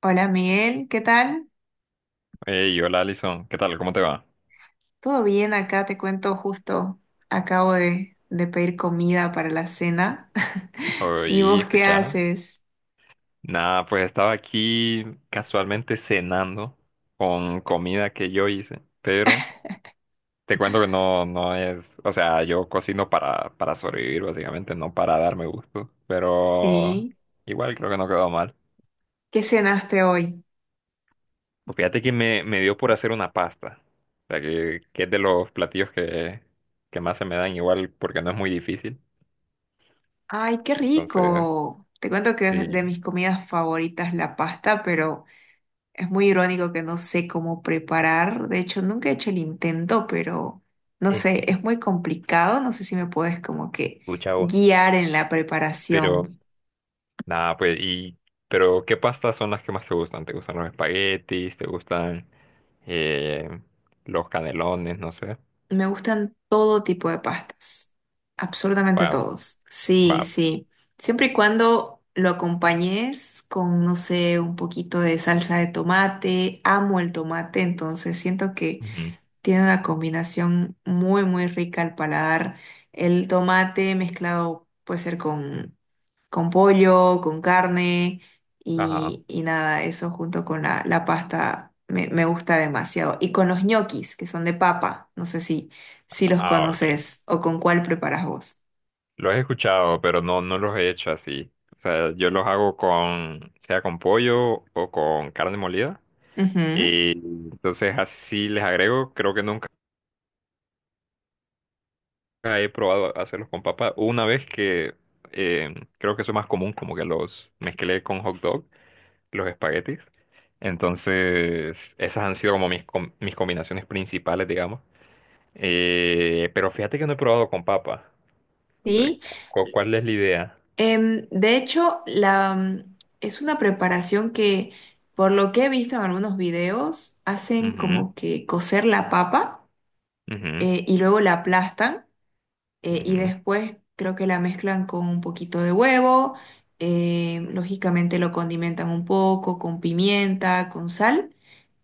Hola Miguel, ¿qué tal? Hey, hola Alison, ¿qué tal? ¿Cómo te va? ¿Todo bien acá? Te cuento justo, acabo de pedir comida para la cena. ¿Y Hoy, vos qué escucha. haces? Nada, pues estaba aquí casualmente cenando con comida que yo hice, pero te cuento que no es, o sea, yo cocino para sobrevivir básicamente, no para darme gusto, pero Sí, igual creo que no quedó mal. ¿qué cenaste hoy? Pues fíjate que me dio por hacer una pasta, o sea, que es de los platillos que más se me dan igual porque no es muy difícil, ¡Ay, qué entonces rico! Te cuento que es de sí, mis comidas favoritas la pasta, pero es muy irónico que no sé cómo preparar. De hecho, nunca he hecho el intento, pero no sé, es muy complicado. No sé si me puedes como que escucha vos. guiar en la Pero preparación. nada, pero ¿qué pastas son las que más te gustan? ¿Te gustan los espaguetis? ¿Te gustan eh, los canelones? No sé. Me gustan todo tipo de pastas, absolutamente Va, todos. va. Sí, sí. Siempre y cuando lo acompañes con, no sé, un poquito de salsa de tomate. Amo el tomate, entonces siento que Ujú. tiene una combinación muy, muy rica al paladar. El tomate mezclado puede ser con pollo, con carne Ajá. Y nada, eso junto con la pasta me gusta demasiado. Y con los ñoquis, que son de papa, no sé si, si los Ah, ok. conoces o con cuál preparas vos. Los he escuchado, pero no los he hecho así. O sea, yo los hago con, sea con pollo o con carne molida. Ujú. Y entonces así les agrego, creo que nunca he probado hacerlos con papa. Una vez que creo que eso es más común, como que los mezclé con hot dog los espaguetis. Entonces, esas han sido como mis combinaciones principales, digamos. Pero fíjate que no he probado con papa. Sí. ¿Cuál es la idea? De hecho, la, es una preparación que, por lo que he visto en algunos videos, hacen Ujú, como que cocer la papa ujú, y luego la aplastan, y ujú. después creo que la mezclan con un poquito de huevo. Lógicamente lo condimentan un poco con pimienta, con sal,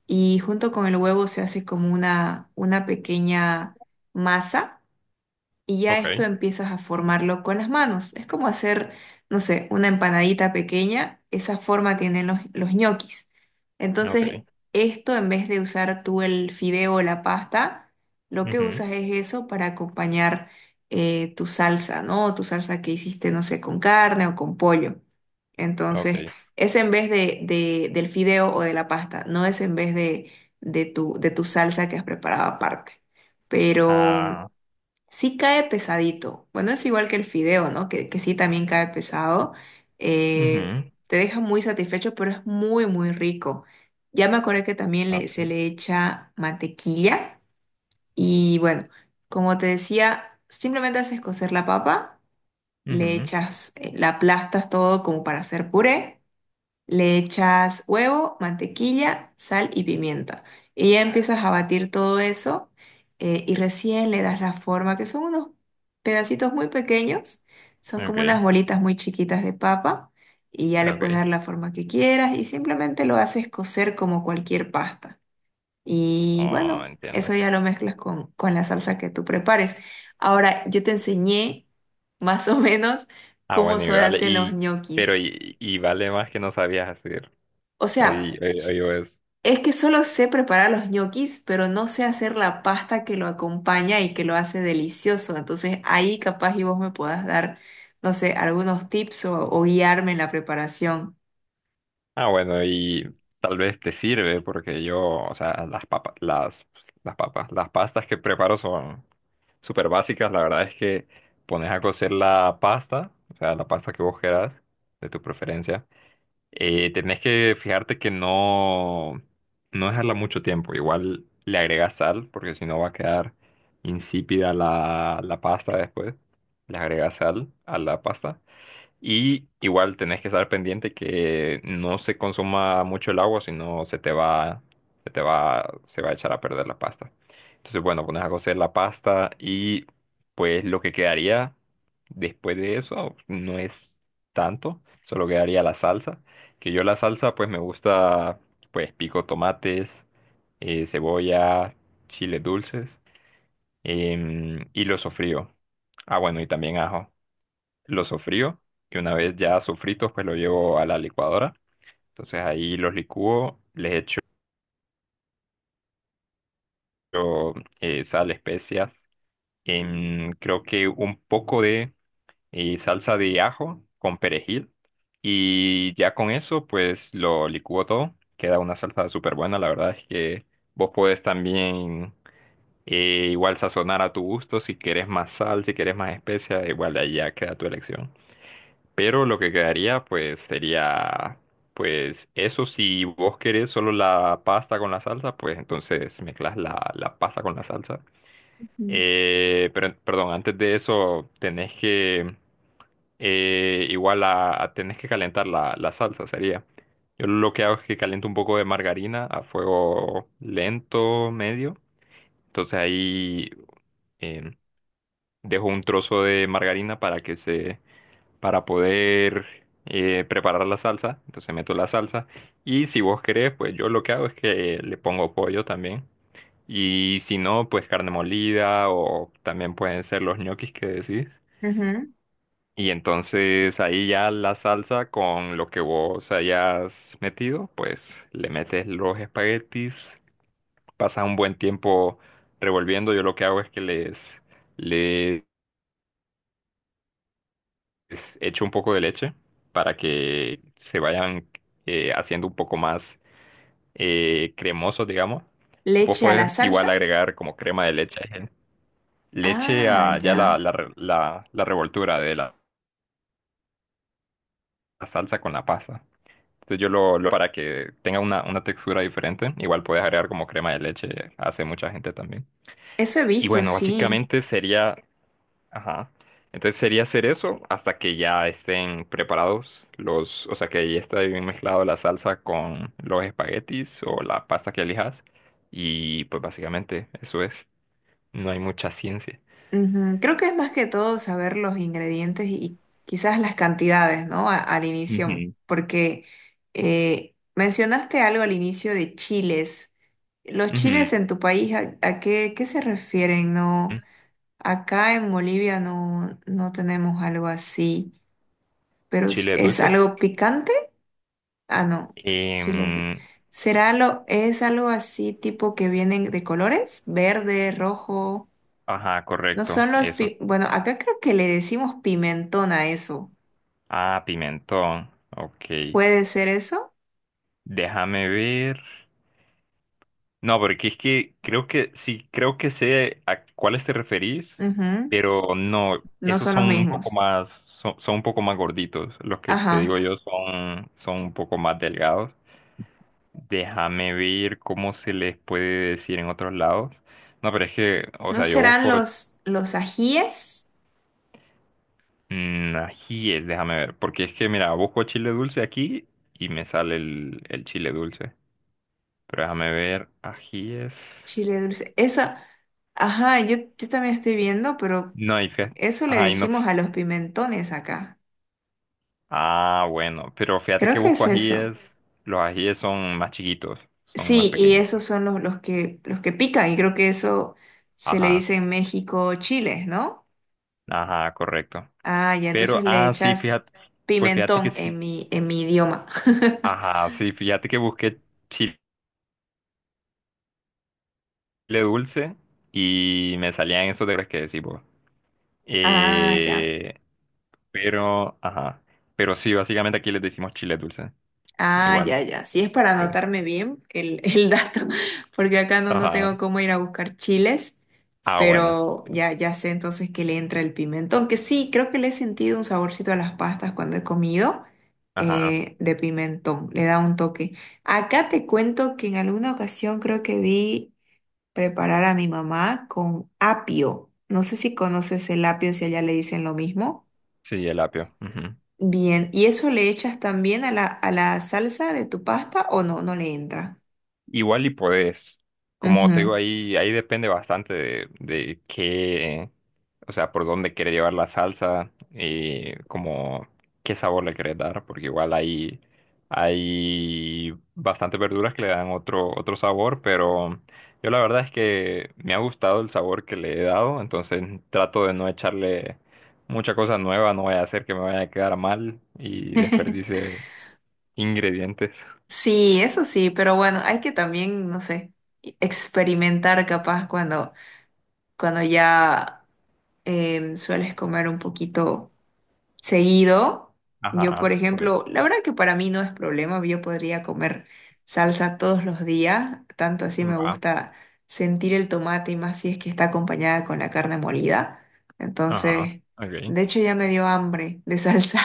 y junto con el huevo se hace como una pequeña masa, y ya Ok, esto empiezas a formarlo con las manos. Es como hacer, no sé, una empanadita pequeña, esa forma tienen los ñoquis. Entonces, ok, esto en vez de usar tú el fideo o la pasta, lo que ujú, usas es eso para acompañar tu salsa, ¿no? Tu salsa que hiciste, no sé, con carne o con pollo. Entonces, ok. es en vez del fideo o de la pasta, no es en vez de tu salsa que has preparado aparte. Pero Ah, sí cae pesadito. Bueno, es igual que el fideo, ¿no? Que sí también cae pesado. Eh, ujú, Te deja muy satisfecho, pero es muy, muy rico. Ya me acordé que también se ok, le echa mantequilla. Y bueno, como te decía, simplemente haces cocer la papa, le ujú, echas, la aplastas todo como para hacer puré. Le echas huevo, mantequilla, sal y pimienta. Y ya empiezas a batir todo eso, y recién le das la forma, que son unos pedacitos muy pequeños, son como unas ok, bolitas muy chiquitas de papa, y ya le puedes dar ok. la forma que quieras y simplemente lo haces cocer como cualquier pasta. Y Oh, bueno, entiendo. eso ya lo mezclas con la salsa que tú prepares. Ahora, yo te enseñé más o menos Ah, cómo bueno, se hacen los pero ñoquis. y vale más que no sabías hacer. O sea, Oye, oye, es que solo sé preparar los ñoquis, pero no sé hacer la pasta que lo acompaña y que lo hace delicioso. Entonces ahí capaz y vos me podás dar, no sé, algunos tips o guiarme en la preparación. ah, bueno, y tal vez te sirve porque yo, o sea, las papas, las pastas que preparo son súper básicas. La verdad es que pones a cocer la pasta, o sea, la pasta que vos quieras, de tu preferencia. Tenés que fijarte que no dejarla mucho tiempo. Igual le agregas sal porque si no va a quedar insípida la pasta después. Le agregas sal a la pasta. Y igual tenés que estar pendiente que no se consuma mucho el agua, sino se te va, se va a echar a perder la pasta. Entonces, bueno, pones a cocer la pasta y pues lo que quedaría después de eso no es tanto, solo quedaría la salsa. Que yo la salsa pues me gusta, pues pico tomates, cebolla, chiles dulces, y lo sofrío. Ah, bueno, y también ajo lo sofrío, que una vez ya sofritos, pues lo llevo a la licuadora. Entonces ahí los licúo, les echo sal, especias, creo que un poco de salsa de ajo con perejil. Y ya con eso, pues lo licúo todo. Queda una salsa súper buena. La verdad es que vos podés también igual sazonar a tu gusto. Si quieres más sal, si quieres más especias, igual ahí ya queda tu elección. Pero lo que quedaría, pues, sería, pues, eso si vos querés solo la pasta con la salsa, pues entonces mezclas la pasta con la salsa. Ujú. Pero, perdón, antes de eso tenés que, tenés que calentar la salsa, sería. Yo lo que hago es que caliento un poco de margarina a fuego lento, medio. Entonces ahí em, dejo un trozo de margarina para que se, para poder preparar la salsa. Entonces meto la salsa. Y si vos querés, pues yo lo que hago es que le pongo pollo también. Y si no, pues carne molida o también pueden ser los ñoquis que decís. Ujú. Y entonces ahí ya la salsa con lo que vos hayas metido, pues le metes los espaguetis, pasas un buen tiempo revolviendo. Yo lo que hago es que les echo un poco de leche para que se vayan haciendo un poco más cremosos, digamos. Vos Leche a la puedes igual salsa. agregar como crema de leche, leche Ah, a ya ya. La revoltura de la salsa con la pasta. Entonces yo para que tenga una textura diferente, igual puedes agregar como crema de leche, hace mucha gente también. Eso he Y visto, bueno, sí. básicamente sería, ajá. Entonces sería hacer eso hasta que ya estén preparados los, o sea, que ya está bien mezclado la salsa con los espaguetis o la pasta que elijas. Y pues básicamente eso es. No hay mucha ciencia. Ujú. Creo que es más que todo saber los ingredientes y quizás las cantidades, ¿no? Al inicio, Ujú. porque mencionaste algo al inicio de chiles. Los Ujú. chiles en tu país, a qué, qué se refieren? No, acá en Bolivia no, no tenemos algo así, pero Chile es dulces. algo picante? Ah, no, chiles. Em, ¿Será lo, es algo así tipo que vienen de colores? Verde, rojo. ajá, No correcto, son los, eso. Bueno, acá creo que le decimos pimentón a eso. Ah, pimentón. Ok. ¿Puede ser eso? Déjame ver. No, porque es que creo que sí, creo que sé a cuáles te referís, Ujú. pero no, No esos son son los un poco mismos. más, son un poco más gorditos. Los que te digo Ajá. yo son un poco más delgados. Déjame ver cómo se les puede decir en otros lados. No, pero es que, o ¿No sea, yo serán busco los ajíes? Ajíes, déjame ver, porque es que, mira, busco chile dulce aquí y me sale el chile dulce. Pero déjame ver, ajíes. Chile dulce. Eso, ajá, yo también estoy viendo, pero No, y fe. eso le Ay, no. decimos a los pimentones acá. Ah, bueno, pero fíjate Creo que que busco es eso. ajíes, los ajíes son más chiquitos, son más Sí, y pequeñitos. esos son los que pican, y creo que eso se le Ajá, dice en México chiles, ¿no? ajá, correcto. Ah, ya, Pero, entonces le ah, sí, echas fíjate, pues fíjate que pimentón sí, en mi idioma. ajá, sí, fíjate que busqué chile dulce y me salían esos de los que decís vos. Ah, ya. Eh, pero, ajá, pero sí, básicamente aquí les decimos chile dulce, Ah, igual. ya, ya. Sí es para Sí. anotarme bien el dato, porque acá no, no Ajá, tengo cómo ir a buscar chiles, ah, bueno, pero ya, ya sé entonces que le entra el pimentón, que sí, creo que le he sentido un saborcito a las pastas cuando he comido, ajá, de pimentón, le da un toque. Acá te cuento que en alguna ocasión creo que vi preparar a mi mamá con apio. No sé si conoces el apio, si allá le dicen lo mismo. sí, el apio. Ujú. Bien, ¿y eso le echas también a la salsa de tu pasta o no? No le entra. Igual y podés, como te Ujú. digo, ahí, ahí depende bastante de qué, o sea, por dónde quiere llevar la salsa y como qué sabor le querés dar, porque igual hay, hay bastantes verduras que le dan otro sabor, pero yo la verdad es que me ha gustado el sabor que le he dado, entonces trato de no echarle mucha cosa nueva, no voy a hacer que me vaya a quedar mal y desperdice ingredientes. Sí, eso sí, pero bueno, hay que también, no sé, experimentar capaz cuando, cuando ya sueles comer un poquito. Seguido. Yo, por Ajá, pues ejemplo, la verdad que para mí no es problema, yo podría comer salsa todos los días, tanto así me va. gusta sentir el tomate y más si es que está acompañada con la carne molida. Ajá, Entonces, ok. de hecho ya me dio hambre de salsa,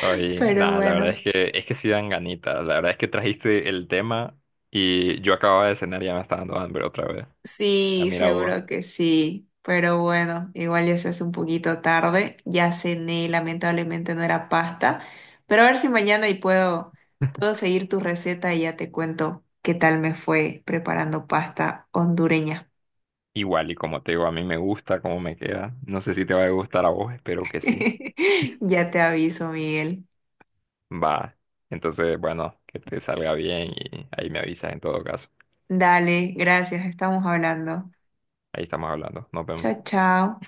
Oye, pero nada, la verdad bueno. Es que sí dan ganitas. La verdad es que trajiste el tema y yo acababa de cenar y ya me está dando hambre otra vez. Ah, Sí, mira vos, seguro que sí. Pero bueno, igual ya se hace un poquito tarde. Ya cené, lamentablemente no era pasta. Pero a ver si mañana y puedo, puedo seguir tu receta y ya te cuento qué tal me fue preparando pasta hondureña. igual y como te digo, a mí me gusta cómo me queda. No sé si te va a gustar a vos, espero que sí. Ya te aviso, Miguel. Va. Entonces, bueno, que te salga bien y ahí me avisas en todo caso. Dale, gracias, estamos hablando. Ahí estamos hablando. Nos Chao, vemos. chao.